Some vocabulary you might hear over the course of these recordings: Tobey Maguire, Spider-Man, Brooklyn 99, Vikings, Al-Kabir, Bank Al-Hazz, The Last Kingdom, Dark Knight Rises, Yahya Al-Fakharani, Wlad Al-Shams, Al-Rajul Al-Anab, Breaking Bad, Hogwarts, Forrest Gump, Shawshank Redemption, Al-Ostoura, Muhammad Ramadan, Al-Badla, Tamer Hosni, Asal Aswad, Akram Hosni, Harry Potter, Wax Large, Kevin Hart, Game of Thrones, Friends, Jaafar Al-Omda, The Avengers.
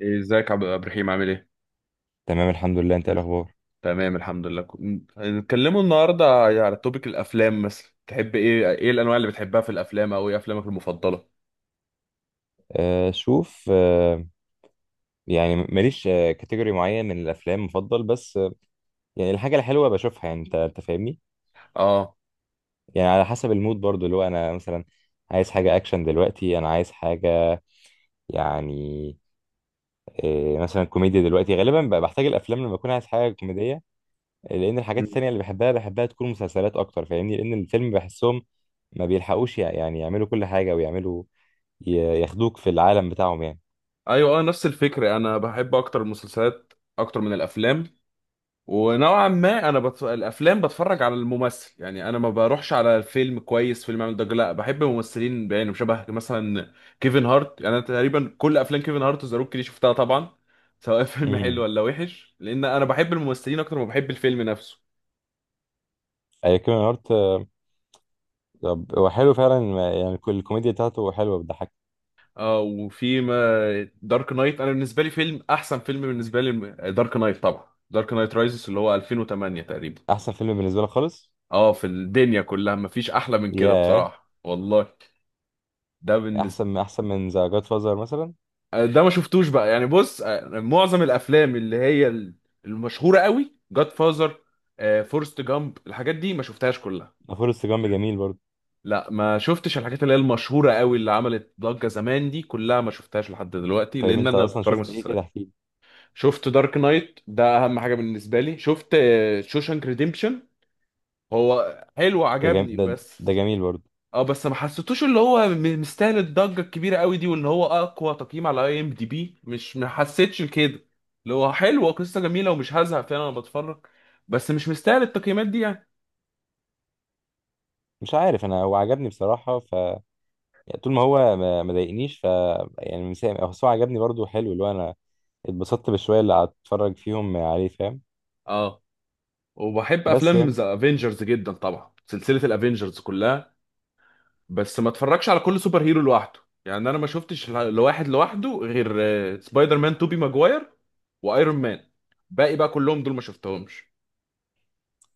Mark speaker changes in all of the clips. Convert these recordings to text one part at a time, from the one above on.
Speaker 1: إيه، ازيك عبد الرحيم عامل ايه؟
Speaker 2: تمام الحمد لله. انت ايه
Speaker 1: مم.
Speaker 2: الاخبار؟
Speaker 1: تمام الحمد لله هنتكلموا النهارده على توبيك الافلام، مثلا تحب ايه الانواع اللي بتحبها في الافلام، او ايه افلامك المفضله؟
Speaker 2: شوف يعني ماليش كاتيجوري معين من الافلام مفضل، بس يعني الحاجه الحلوه بشوفها. يعني انت فاهمني.
Speaker 1: اه.
Speaker 2: يعني على حسب المود برضو، اللي هو انا مثلا عايز حاجه اكشن دلوقتي، انا عايز حاجه، يعني مثلا كوميديا. دلوقتي غالبا بحتاج الافلام لما اكون عايز حاجه كوميديه، لان الحاجات
Speaker 1: مم.
Speaker 2: التانية اللي بحبها بحبها تكون مسلسلات اكتر. فاهمني، لان الفيلم بحسهم ما بيلحقوش يعني يعملوا كل حاجه، ويعملوا ي- ياخدوك في العالم بتاعهم يعني.
Speaker 1: ايوه، اه، نفس الفكره، انا بحب اكتر المسلسلات اكتر من الافلام. ونوعا ما انا الافلام بتفرج على الممثل، يعني انا ما بروحش على الفيلم كويس، فيلم عامل ضجه، لا بحب ممثلين، يعني شبه مثلا كيفن هارت. يعني انا تقريبا كل افلام كيفن هارت وذا روك دي شفتها طبعا، سواء فيلم حلو
Speaker 2: امم،
Speaker 1: ولا وحش، لان انا بحب الممثلين اكتر ما بحب الفيلم نفسه.
Speaker 2: اي كيميا. طب هو حلو فعلا. يعني كل الكوميديا بتاعته حلوه، بتضحك.
Speaker 1: اه. وفي ما دارك نايت انا بالنسبه لي احسن فيلم بالنسبه لي، دارك نايت طبعا، دارك نايت رايزز، اللي هو 2008 تقريبا.
Speaker 2: احسن فيلم بالنسبه لي خالص.
Speaker 1: اه، في الدنيا كلها مفيش احلى من كده
Speaker 2: ياه،
Speaker 1: بصراحه والله. ده
Speaker 2: احسن
Speaker 1: بالنسبه.
Speaker 2: من ذا جاد فازر مثلا؟
Speaker 1: ده ما شفتوش بقى، يعني بص، معظم الافلام اللي هي المشهوره قوي، جاد فازر، فورست جامب، الحاجات دي ما شفتهاش كلها.
Speaker 2: غفور السجام جميل برضه.
Speaker 1: لا، ما شفتش الحاجات اللي هي المشهوره قوي، اللي عملت ضجه زمان، دي كلها ما شفتهاش لحد دلوقتي،
Speaker 2: طيب
Speaker 1: لان
Speaker 2: انت
Speaker 1: انا
Speaker 2: اصلا
Speaker 1: بتفرج
Speaker 2: شفت ايه كده؟
Speaker 1: مسلسلات.
Speaker 2: احكي لي.
Speaker 1: شفت دارك نايت، ده اهم حاجه بالنسبه لي. شفت شوشانك ريديمبشن، هو حلو
Speaker 2: ده جم...
Speaker 1: عجبني،
Speaker 2: ده,
Speaker 1: بس
Speaker 2: ده جميل برضه.
Speaker 1: اه، بس ما حسيتوش اللي هو مستاهل الضجه الكبيره قوي دي، وان هو اقوى تقييم على IMDB. مش، ما حسيتش كده. اللي هو حلو، قصه جميله ومش هزهق، فعلا انا بتفرج، بس مش مستاهل التقييمات دي يعني.
Speaker 2: مش عارف، انا هو عجبني بصراحه. ف يعني طول ما هو ما ضايقنيش، ف يعني مسام، هو عجبني برضه حلو. اللي هو انا اتبسطت بالشويه اللي هتفرج فيهم عليه، فاهم؟
Speaker 1: اه، وبحب
Speaker 2: بس
Speaker 1: افلام
Speaker 2: يعني
Speaker 1: ذا افنجرز جدا طبعا، سلسله الافنجرز كلها. بس ما اتفرجش على كل سوبر هيرو لوحده، يعني انا ما شفتش لواحد لوحده غير سبايدر مان توبي ماجواير، وايرون مان. باقي بقى كلهم دول ما شفتهمش.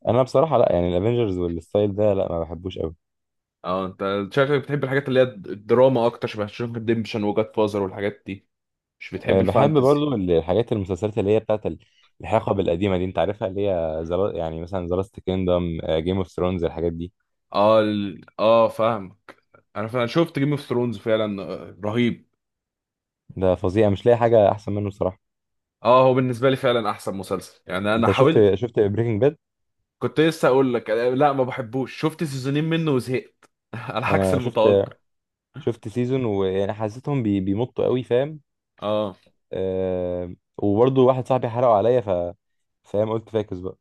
Speaker 2: انا بصراحه لا، يعني الافينجرز والستايل ده لا، ما بحبوش قوي.
Speaker 1: اه، انت شكلك بتحب الحاجات اللي هي الدراما اكتر، شبه شونك ريديمشن وجاد فازر والحاجات دي، مش بتحب
Speaker 2: أه، بحب
Speaker 1: الفانتزي.
Speaker 2: برضو الحاجات المسلسلات اللي هي بتاعت الحقب القديمة دي، انت عارفها، اللي هي زلا يعني مثلا ذا لاست كيندم، جيم اوف ثرونز، الحاجات دي.
Speaker 1: اه اه فاهمك. انا فعلا شفت جيم اوف ثرونز فعلا، رهيب.
Speaker 2: ده فظيع، مش لاقي حاجة احسن منه صراحة.
Speaker 1: اه، هو بالنسبه لي فعلا احسن مسلسل، يعني انا
Speaker 2: انت
Speaker 1: حاولت.
Speaker 2: شفت بريكنج باد؟
Speaker 1: كنت لسه اقول لك، لا ما بحبوش، شفت سيزونين منه وزهقت على عكس
Speaker 2: انا شفت،
Speaker 1: المتوقع.
Speaker 2: شفت سيزون ويعني حسيتهم بي بيمطوا قوي، فاهم؟
Speaker 1: اه.
Speaker 2: أه وبرضو واحد صاحبي حرقه عليا، ف فاهم، قلت فاكس بقى.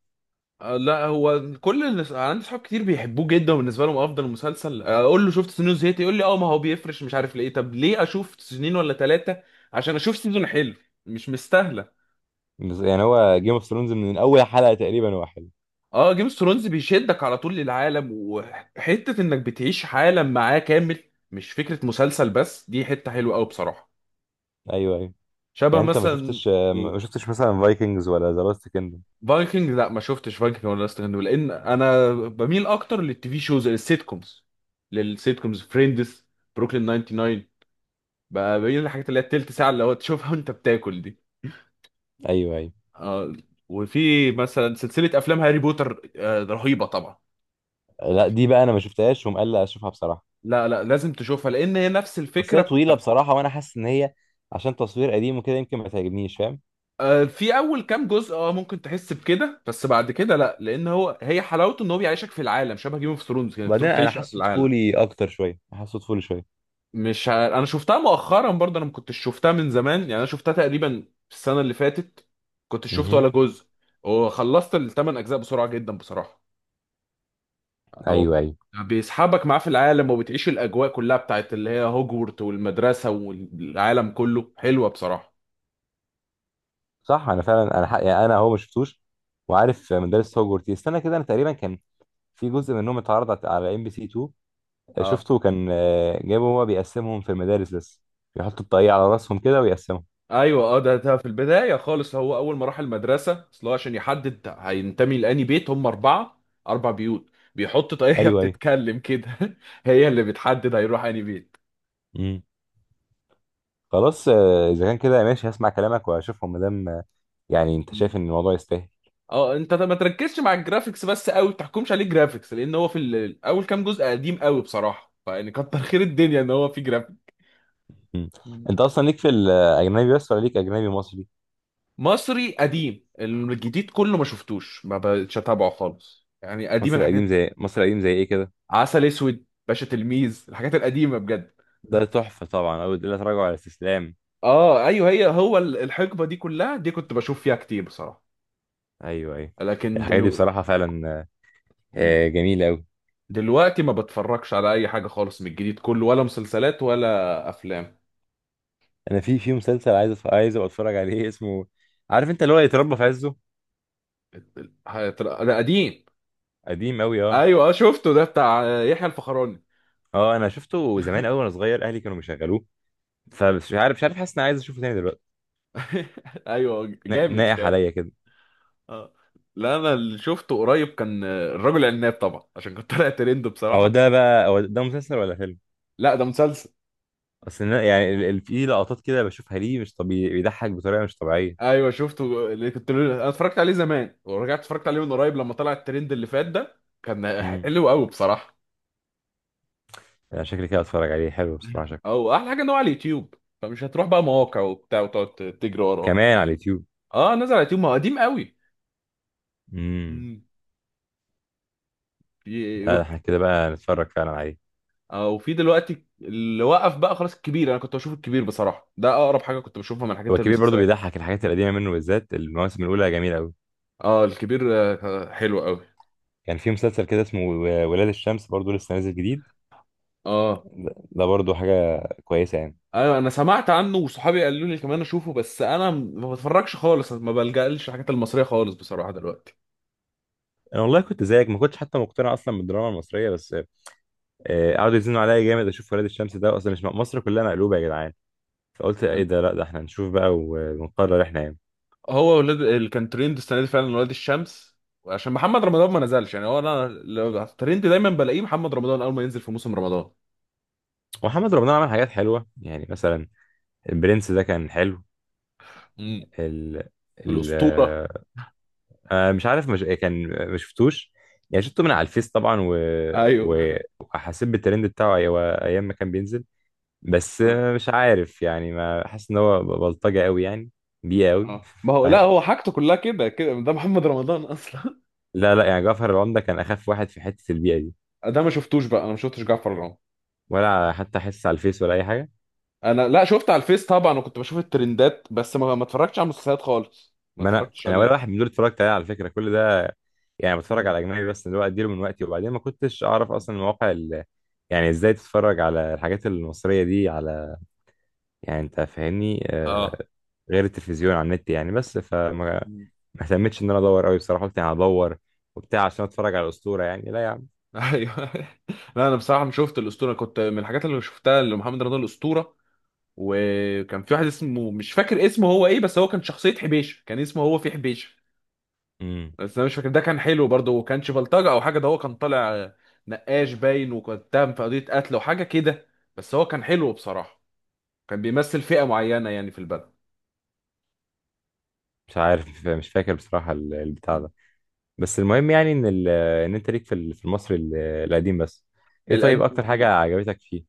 Speaker 1: لا، هو كل الناس، أنا عندي صحاب كتير بيحبوه جدا وبالنسبه لهم افضل مسلسل، اقول له شفت سنين زهقت، يقول لي اه ما هو بيفرش، مش عارف ليه. طب ليه اشوف سنين ولا ثلاثه عشان اشوف سيزون حلو؟ مش مستاهله.
Speaker 2: بس يعني هو جيم اوف ثرونز من اول حلقة تقريبا هو حلو.
Speaker 1: اه، جيم اوف ثرونز بيشدك على طول للعالم، وحته انك بتعيش عالم معاه كامل، مش فكره مسلسل بس، دي حته حلوه قوي بصراحه.
Speaker 2: ايوه، ايوه.
Speaker 1: شبه
Speaker 2: يعني انت ما
Speaker 1: مثلا.
Speaker 2: شفتش، ما شفتش مثلا فايكنجز ولا ذا لاست كيندم؟
Speaker 1: فايكنج، لا ما شفتش فايكنج ولا لاست، لان انا بميل اكتر للتي في شوز، للسيت كومز فريندز، بروكلين 99، بقى بين الحاجات اللي هي التلت ساعة اللي هو تشوفها وانت بتاكل دي.
Speaker 2: ايوه، ايوه.
Speaker 1: آه وفي مثلا سلسلة أفلام هاري بوتر، رهيبة طبعا.
Speaker 2: لا دي بقى انا ما شفتهاش، ومقلق اشوفها بصراحه.
Speaker 1: لا لا، لازم تشوفها لأن هي نفس
Speaker 2: اصل هي
Speaker 1: الفكرة.
Speaker 2: طويله بصراحه، وانا حاسس ان هي عشان تصوير قديم وكده يمكن ما تعجبنيش، فاهم؟
Speaker 1: في أول كام جزء اه ممكن تحس بكده، بس بعد كده لا، لأن هي حلاوته إن هو بيعيشك في العالم، شبه جيم اوف ثرونز كده،
Speaker 2: وبعدين
Speaker 1: بتروح
Speaker 2: انا
Speaker 1: تعيش في
Speaker 2: حاسه
Speaker 1: العالم.
Speaker 2: طفولي اكتر شويه، حاسه طفولي شويه.
Speaker 1: مش أنا شفتها مؤخرا برضه، أنا ما كنتش شفتها من زمان، يعني أنا شفتها تقريبا السنة اللي فاتت، كنتش شفت
Speaker 2: امم،
Speaker 1: ولا جزء، وخلصت الثمان أجزاء بسرعة جدا بصراحة. اهو،
Speaker 2: ايوه ايوه.
Speaker 1: بيسحبك معاه في العالم، وبتعيش الاجواء كلها بتاعت اللي هي هوجورت، والمدرسه والعالم كله، حلوه بصراحه.
Speaker 2: صح انا فعلا. يعني انا هو ما شفتوش، وعارف
Speaker 1: مم.
Speaker 2: مدرسة هوجورتس. استنى كده، انا تقريبا كان في جزء منهم اتعرض على ام بي سي 2،
Speaker 1: اه
Speaker 2: شفته. كان آه، جابوا هو بيقسمهم في المدارس، بس بيحطوا الطاقية على راسهم كده ويقسمهم.
Speaker 1: ايوه، اه، ده في البدايه خالص، هو اول ما راح المدرسه، اصل هو عشان يحدد هينتمي لاني بيت، هم اربع بيوت، بيحط طاقيه
Speaker 2: ايوه،
Speaker 1: بتتكلم كده هي اللي بتحدد هيروح انهي بيت.
Speaker 2: ايوه. خلاص آه، اذا كان كده ماشي، هسمع كلامك واشوفهم، مادام آه، يعني انت شايف
Speaker 1: مم.
Speaker 2: ان الموضوع يستاهل.
Speaker 1: اه، انت ما تركزش مع الجرافيكس بس قوي، ما تحكمش عليه جرافيكس، لان هو في اول كام جزء قديم قوي بصراحه، فيعني كتر خير الدنيا ان هو في جرافيكس.
Speaker 2: مم. انت اصلا ليك في الاجنبي بس ولا ليك اجنبي مصري؟
Speaker 1: مصري قديم، الجديد كله ما شفتوش، ما بقتش اتابعه خالص يعني، قديم
Speaker 2: مصري قديم
Speaker 1: الحاجات.
Speaker 2: زي، مصري قديم زي ايه كده؟
Speaker 1: عسل اسود، باشا تلميذ، الحاجات القديمه بجد.
Speaker 2: ده تحفه طبعا، او لا تراجع على الاستسلام.
Speaker 1: اه ايوه، الحقبه دي كلها دي كنت بشوف فيها كتير بصراحه.
Speaker 2: ايوه، ايوه.
Speaker 1: لكن
Speaker 2: الحاجات دي بصراحه فعلا
Speaker 1: مم.
Speaker 2: آه، جميله قوي.
Speaker 1: دلوقتي ما بتفرجش على اي حاجه خالص من الجديد كله، ولا مسلسلات ولا افلام.
Speaker 2: انا في في مسلسل عايز عايز ابقى اتفرج عليه اسمه، عارف انت اللي هو يتربى في عزه؟
Speaker 1: ده قديم.
Speaker 2: قديم قوي اه.
Speaker 1: ايوه، شفته، ده بتاع يحيى الفخراني.
Speaker 2: اه انا شفته زمان قوي وانا صغير، اهلي كانوا بيشغلوه. فمش عارف، مش عارف، حاسس اني عايز اشوفه تاني دلوقتي.
Speaker 1: ايوه جامد
Speaker 2: ناقح
Speaker 1: فعلا.
Speaker 2: عليا كده.
Speaker 1: اه. لا انا اللي شفته قريب كان، الرجل العناب طبعا، عشان كنت طالع ترند
Speaker 2: هو
Speaker 1: بصراحه.
Speaker 2: ده بقى، هو ده مسلسل ولا فيلم؟
Speaker 1: لا ده مسلسل.
Speaker 2: يعني في لقطات كده بشوفها، ليه مش طبيعي؟ بيضحك بطريقه مش طبيعيه.
Speaker 1: ايوه شفته، اللي كنت انا اتفرجت عليه زمان ورجعت اتفرجت عليه من قريب لما طلع الترند اللي فات ده، كان
Speaker 2: امم،
Speaker 1: حلو قوي بصراحه.
Speaker 2: يعني شكلي كده اتفرج عليه، حلو بصراحه شكله.
Speaker 1: او احلى حاجه ان هو على اليوتيوب، فمش هتروح بقى مواقع وبتاع وتقعد تجري وراه.
Speaker 2: كمان على اليوتيوب؟
Speaker 1: اه، نزل على اليوتيوب، ما هو قديم قوي.
Speaker 2: امم.
Speaker 1: مم. في
Speaker 2: لا ده احنا كده بقى نتفرج فعلا عليه.
Speaker 1: اه وفي دلوقتي اللي وقف بقى خلاص الكبير، انا كنت بشوف الكبير بصراحه، ده اقرب حاجه كنت بشوفها من
Speaker 2: هو
Speaker 1: حاجات
Speaker 2: الكبير برضو
Speaker 1: المسلسلات.
Speaker 2: بيضحك، الحاجات القديمه منه بالذات المواسم الاولى جميله قوي.
Speaker 1: اه، الكبير حلو قوي.
Speaker 2: كان في مسلسل كده اسمه ولاد الشمس، برضو لسه نازل جديد.
Speaker 1: اه
Speaker 2: ده ده برضو حاجه كويسه يعني.
Speaker 1: ايوه، انا سمعت عنه، وصحابي قالوا لي كمان اشوفه، بس انا ما بتفرجش خالص، ما بلجألش الحاجات المصريه خالص بصراحه دلوقتي.
Speaker 2: انا والله كنت زيك، ما كنتش حتى مقتنع اصلا بالدراما المصريه، بس آه، قعدوا يزنوا عليا جامد اشوف ولاد الشمس، ده اصلا مش مصر كلها مقلوبه يا جدعان. فقلت ايه ده؟ لا ده احنا نشوف بقى ونقرر احنا يعني.
Speaker 1: هو ولاد اللي كان ترند السنه دي فعلا، ولاد الشمس، عشان محمد رمضان ما نزلش، يعني هو انا لو ترند دايما بلاقيه محمد رمضان اول ما ينزل في موسم رمضان.
Speaker 2: ومحمد رمضان عمل حاجات حلوه، يعني مثلا البرنس ده كان حلو.
Speaker 1: امم
Speaker 2: ال ال
Speaker 1: الاسطوره.
Speaker 2: آه مش عارف، مش كان ما شفتوش. يعني شفته من على الفيس طبعا و...
Speaker 1: ايوه.
Speaker 2: وحسيت بالترند بتاعه. ايام ما كان بينزل، بس
Speaker 1: اه.
Speaker 2: آه، مش عارف يعني، ما حاسس ان هو بلطجه قوي يعني، بيئه قوي
Speaker 1: اه، ما
Speaker 2: مش
Speaker 1: هو لا،
Speaker 2: عارف.
Speaker 1: هو حاجته كلها كده كده، ده محمد رمضان اصلا.
Speaker 2: لا لا يعني جعفر العمدة كان اخف واحد في حته البيئه دي.
Speaker 1: ده ما شفتوش بقى، انا ما شفتش جعفر العمدة.
Speaker 2: ولا حتى حس على الفيس ولا اي حاجه.
Speaker 1: انا لا، شفت على الفيس طبعا وكنت بشوف الترندات، بس ما اتفرجتش على المسلسلات خالص، ما
Speaker 2: ما انا
Speaker 1: اتفرجتش
Speaker 2: انا ولا
Speaker 1: عليه.
Speaker 2: واحد من دول اتفرجت عليه على فكره كل ده. يعني بتفرج
Speaker 1: مم.
Speaker 2: على اجنبي بس، اللي هو اديله من وقتي. وبعدين ما كنتش اعرف اصلا المواقع ال... يعني ازاي تتفرج على الحاجات المصريه دي على، يعني انت فاهمني
Speaker 1: اه.
Speaker 2: آه... غير التلفزيون على النت يعني، بس فما
Speaker 1: مم.
Speaker 2: ما اهتمتش ان انا ادور قوي بصراحه. قلت يعني هدور وبتاع عشان اتفرج على الاسطوره؟ يعني لا يا عم.
Speaker 1: ايوه. لا انا بصراحه مش شفت الاسطوره، كنت من الحاجات اللي شفتها لمحمد رمضان الاسطوره. وكان في واحد اسمه، مش فاكر اسمه هو ايه، بس هو كان شخصيه حبيشه، كان اسمه هو في حبيشه،
Speaker 2: امم،
Speaker 1: بس انا مش فاكر. ده كان حلو برضه، وكانش بلطجه او حاجه، ده هو كان طالع نقاش باين، وكان اتهم في قضيه قتل وحاجه كده، بس هو كان حلو بصراحه، كان بيمثل فئه معينه يعني في البلد.
Speaker 2: مش عارف، مش فاكر بصراحه البتاع
Speaker 1: مم.
Speaker 2: ده. بس المهم يعني ان ال... ان انت ليك في ال، في المصري القديم بس. ايه طيب
Speaker 1: القد...
Speaker 2: اكتر حاجه عجبتك فيه؟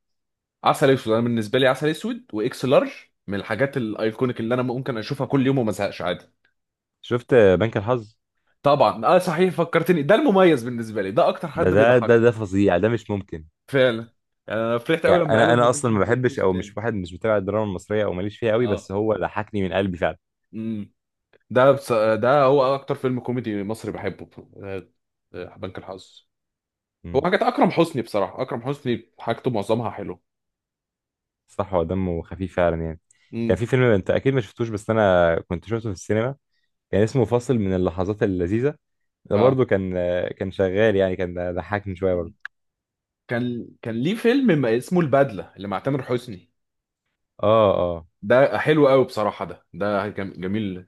Speaker 1: عسل اسود، انا بالنسبه لي عسل اسود واكس لارج من الحاجات الايكونيك اللي انا ممكن اشوفها كل يوم وما ازهقش عادي.
Speaker 2: شفت بنك الحظ؟
Speaker 1: طبعا، اه صحيح فكرتني، ده المميز بالنسبه لي، ده اكتر
Speaker 2: ده
Speaker 1: حد
Speaker 2: ده ده
Speaker 1: بيضحك.
Speaker 2: ده فظيع، ده مش ممكن.
Speaker 1: فعلا. يعني انا فرحت قوي
Speaker 2: يعني
Speaker 1: لما
Speaker 2: انا
Speaker 1: قالوا انه
Speaker 2: انا اصلا
Speaker 1: ممكن
Speaker 2: ما
Speaker 1: يبقى
Speaker 2: بحبش
Speaker 1: الجزء
Speaker 2: او
Speaker 1: الثاني.
Speaker 2: مش واحد، مش متابع الدراما المصريه او ماليش فيها قوي،
Speaker 1: اه.
Speaker 2: بس هو ضحكني من قلبي فعلا.
Speaker 1: امم ده هو اكتر فيلم كوميدي مصري بحبه، آه، بنك الحظ. هو
Speaker 2: مم.
Speaker 1: حاجات اكرم حسني بصراحه، اكرم حسني حاجته معظمها حلوه.
Speaker 2: صح هو دمه خفيف فعلا يعني.
Speaker 1: امم
Speaker 2: كان في فيلم انت اكيد ما شفتوش، بس انا كنت شفته في السينما، كان اسمه فاصل من اللحظات اللذيذه. ده
Speaker 1: اه،
Speaker 2: برضو كان، كان شغال يعني، كان ضحكني شويه برضو.
Speaker 1: كان ليه فيلم ما اسمه البدله، اللي مع تامر حسني،
Speaker 2: اه اه.
Speaker 1: ده حلو قوي بصراحة، ده جميل،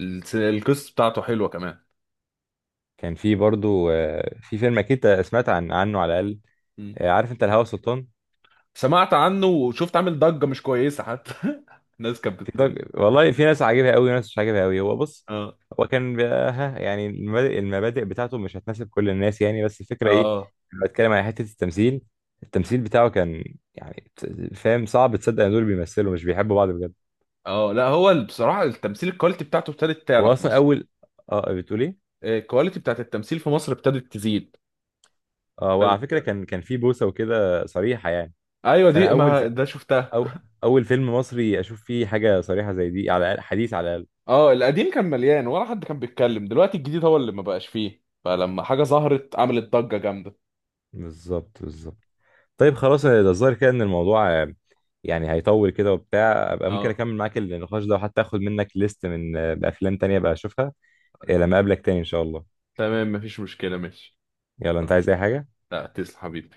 Speaker 1: القصة بتاعته حلوة كمان.
Speaker 2: كان في برضو آه، في فيلم اكيد سمعت عنه على الاقل،
Speaker 1: مم.
Speaker 2: آه، عارف انت الهوى سلطان؟
Speaker 1: سمعت عنه، وشفت عامل ضجة مش كويسة حتى الناس كانت
Speaker 2: في ضج... والله في ناس عاجبها قوي وناس مش عاجبها قوي. هو بص،
Speaker 1: اه.
Speaker 2: هو كان بي- ها يعني المبادئ بتاعته مش هتناسب كل الناس يعني. بس الفكرة ايه؟
Speaker 1: اه
Speaker 2: لما بتكلم على حتة التمثيل، التمثيل بتاعه كان يعني، فاهم؟ صعب تصدق ان دول بيمثلوا مش بيحبوا بعض بجد.
Speaker 1: اه، لا هو بصراحة التمثيل، الكواليتي بتاعته ابتدت تعلى
Speaker 2: هو
Speaker 1: في
Speaker 2: اصلا
Speaker 1: مصر،
Speaker 2: اول، اه بتقول ايه؟
Speaker 1: الكواليتي بتاعت التمثيل في مصر ابتدت تزيد،
Speaker 2: اه وعلى
Speaker 1: ابتدت
Speaker 2: فكرة
Speaker 1: تعلى.
Speaker 2: كان، كان في بوسة وكده صريحة يعني.
Speaker 1: ايوه دي
Speaker 2: فانا اول
Speaker 1: ما
Speaker 2: في...
Speaker 1: ده شفتها.
Speaker 2: أو... اول فيلم مصري اشوف فيه حاجة صريحة زي دي، على حديث على الاقل.
Speaker 1: اه، القديم كان مليان، ولا حد كان بيتكلم، دلوقتي الجديد هو اللي ما بقاش فيه، فلما حاجة ظهرت عملت ضجة جامدة.
Speaker 2: بالظبط، بالظبط. طيب خلاص، ده الظاهر كده ان الموضوع آه، يعني هيطول كده. وبتاع ابقى ممكن
Speaker 1: اه،
Speaker 2: اكمل معاك النقاش ده، وحتى اخد منك ليست من آه، بافلام تانية بقى اشوفها آه، لما اقابلك تاني ان شاء الله.
Speaker 1: تمام مفيش مشكلة، ماشي
Speaker 2: يلا، انت
Speaker 1: حبيبي.
Speaker 2: عايز اي حاجة؟
Speaker 1: لا تسلم حبيبي.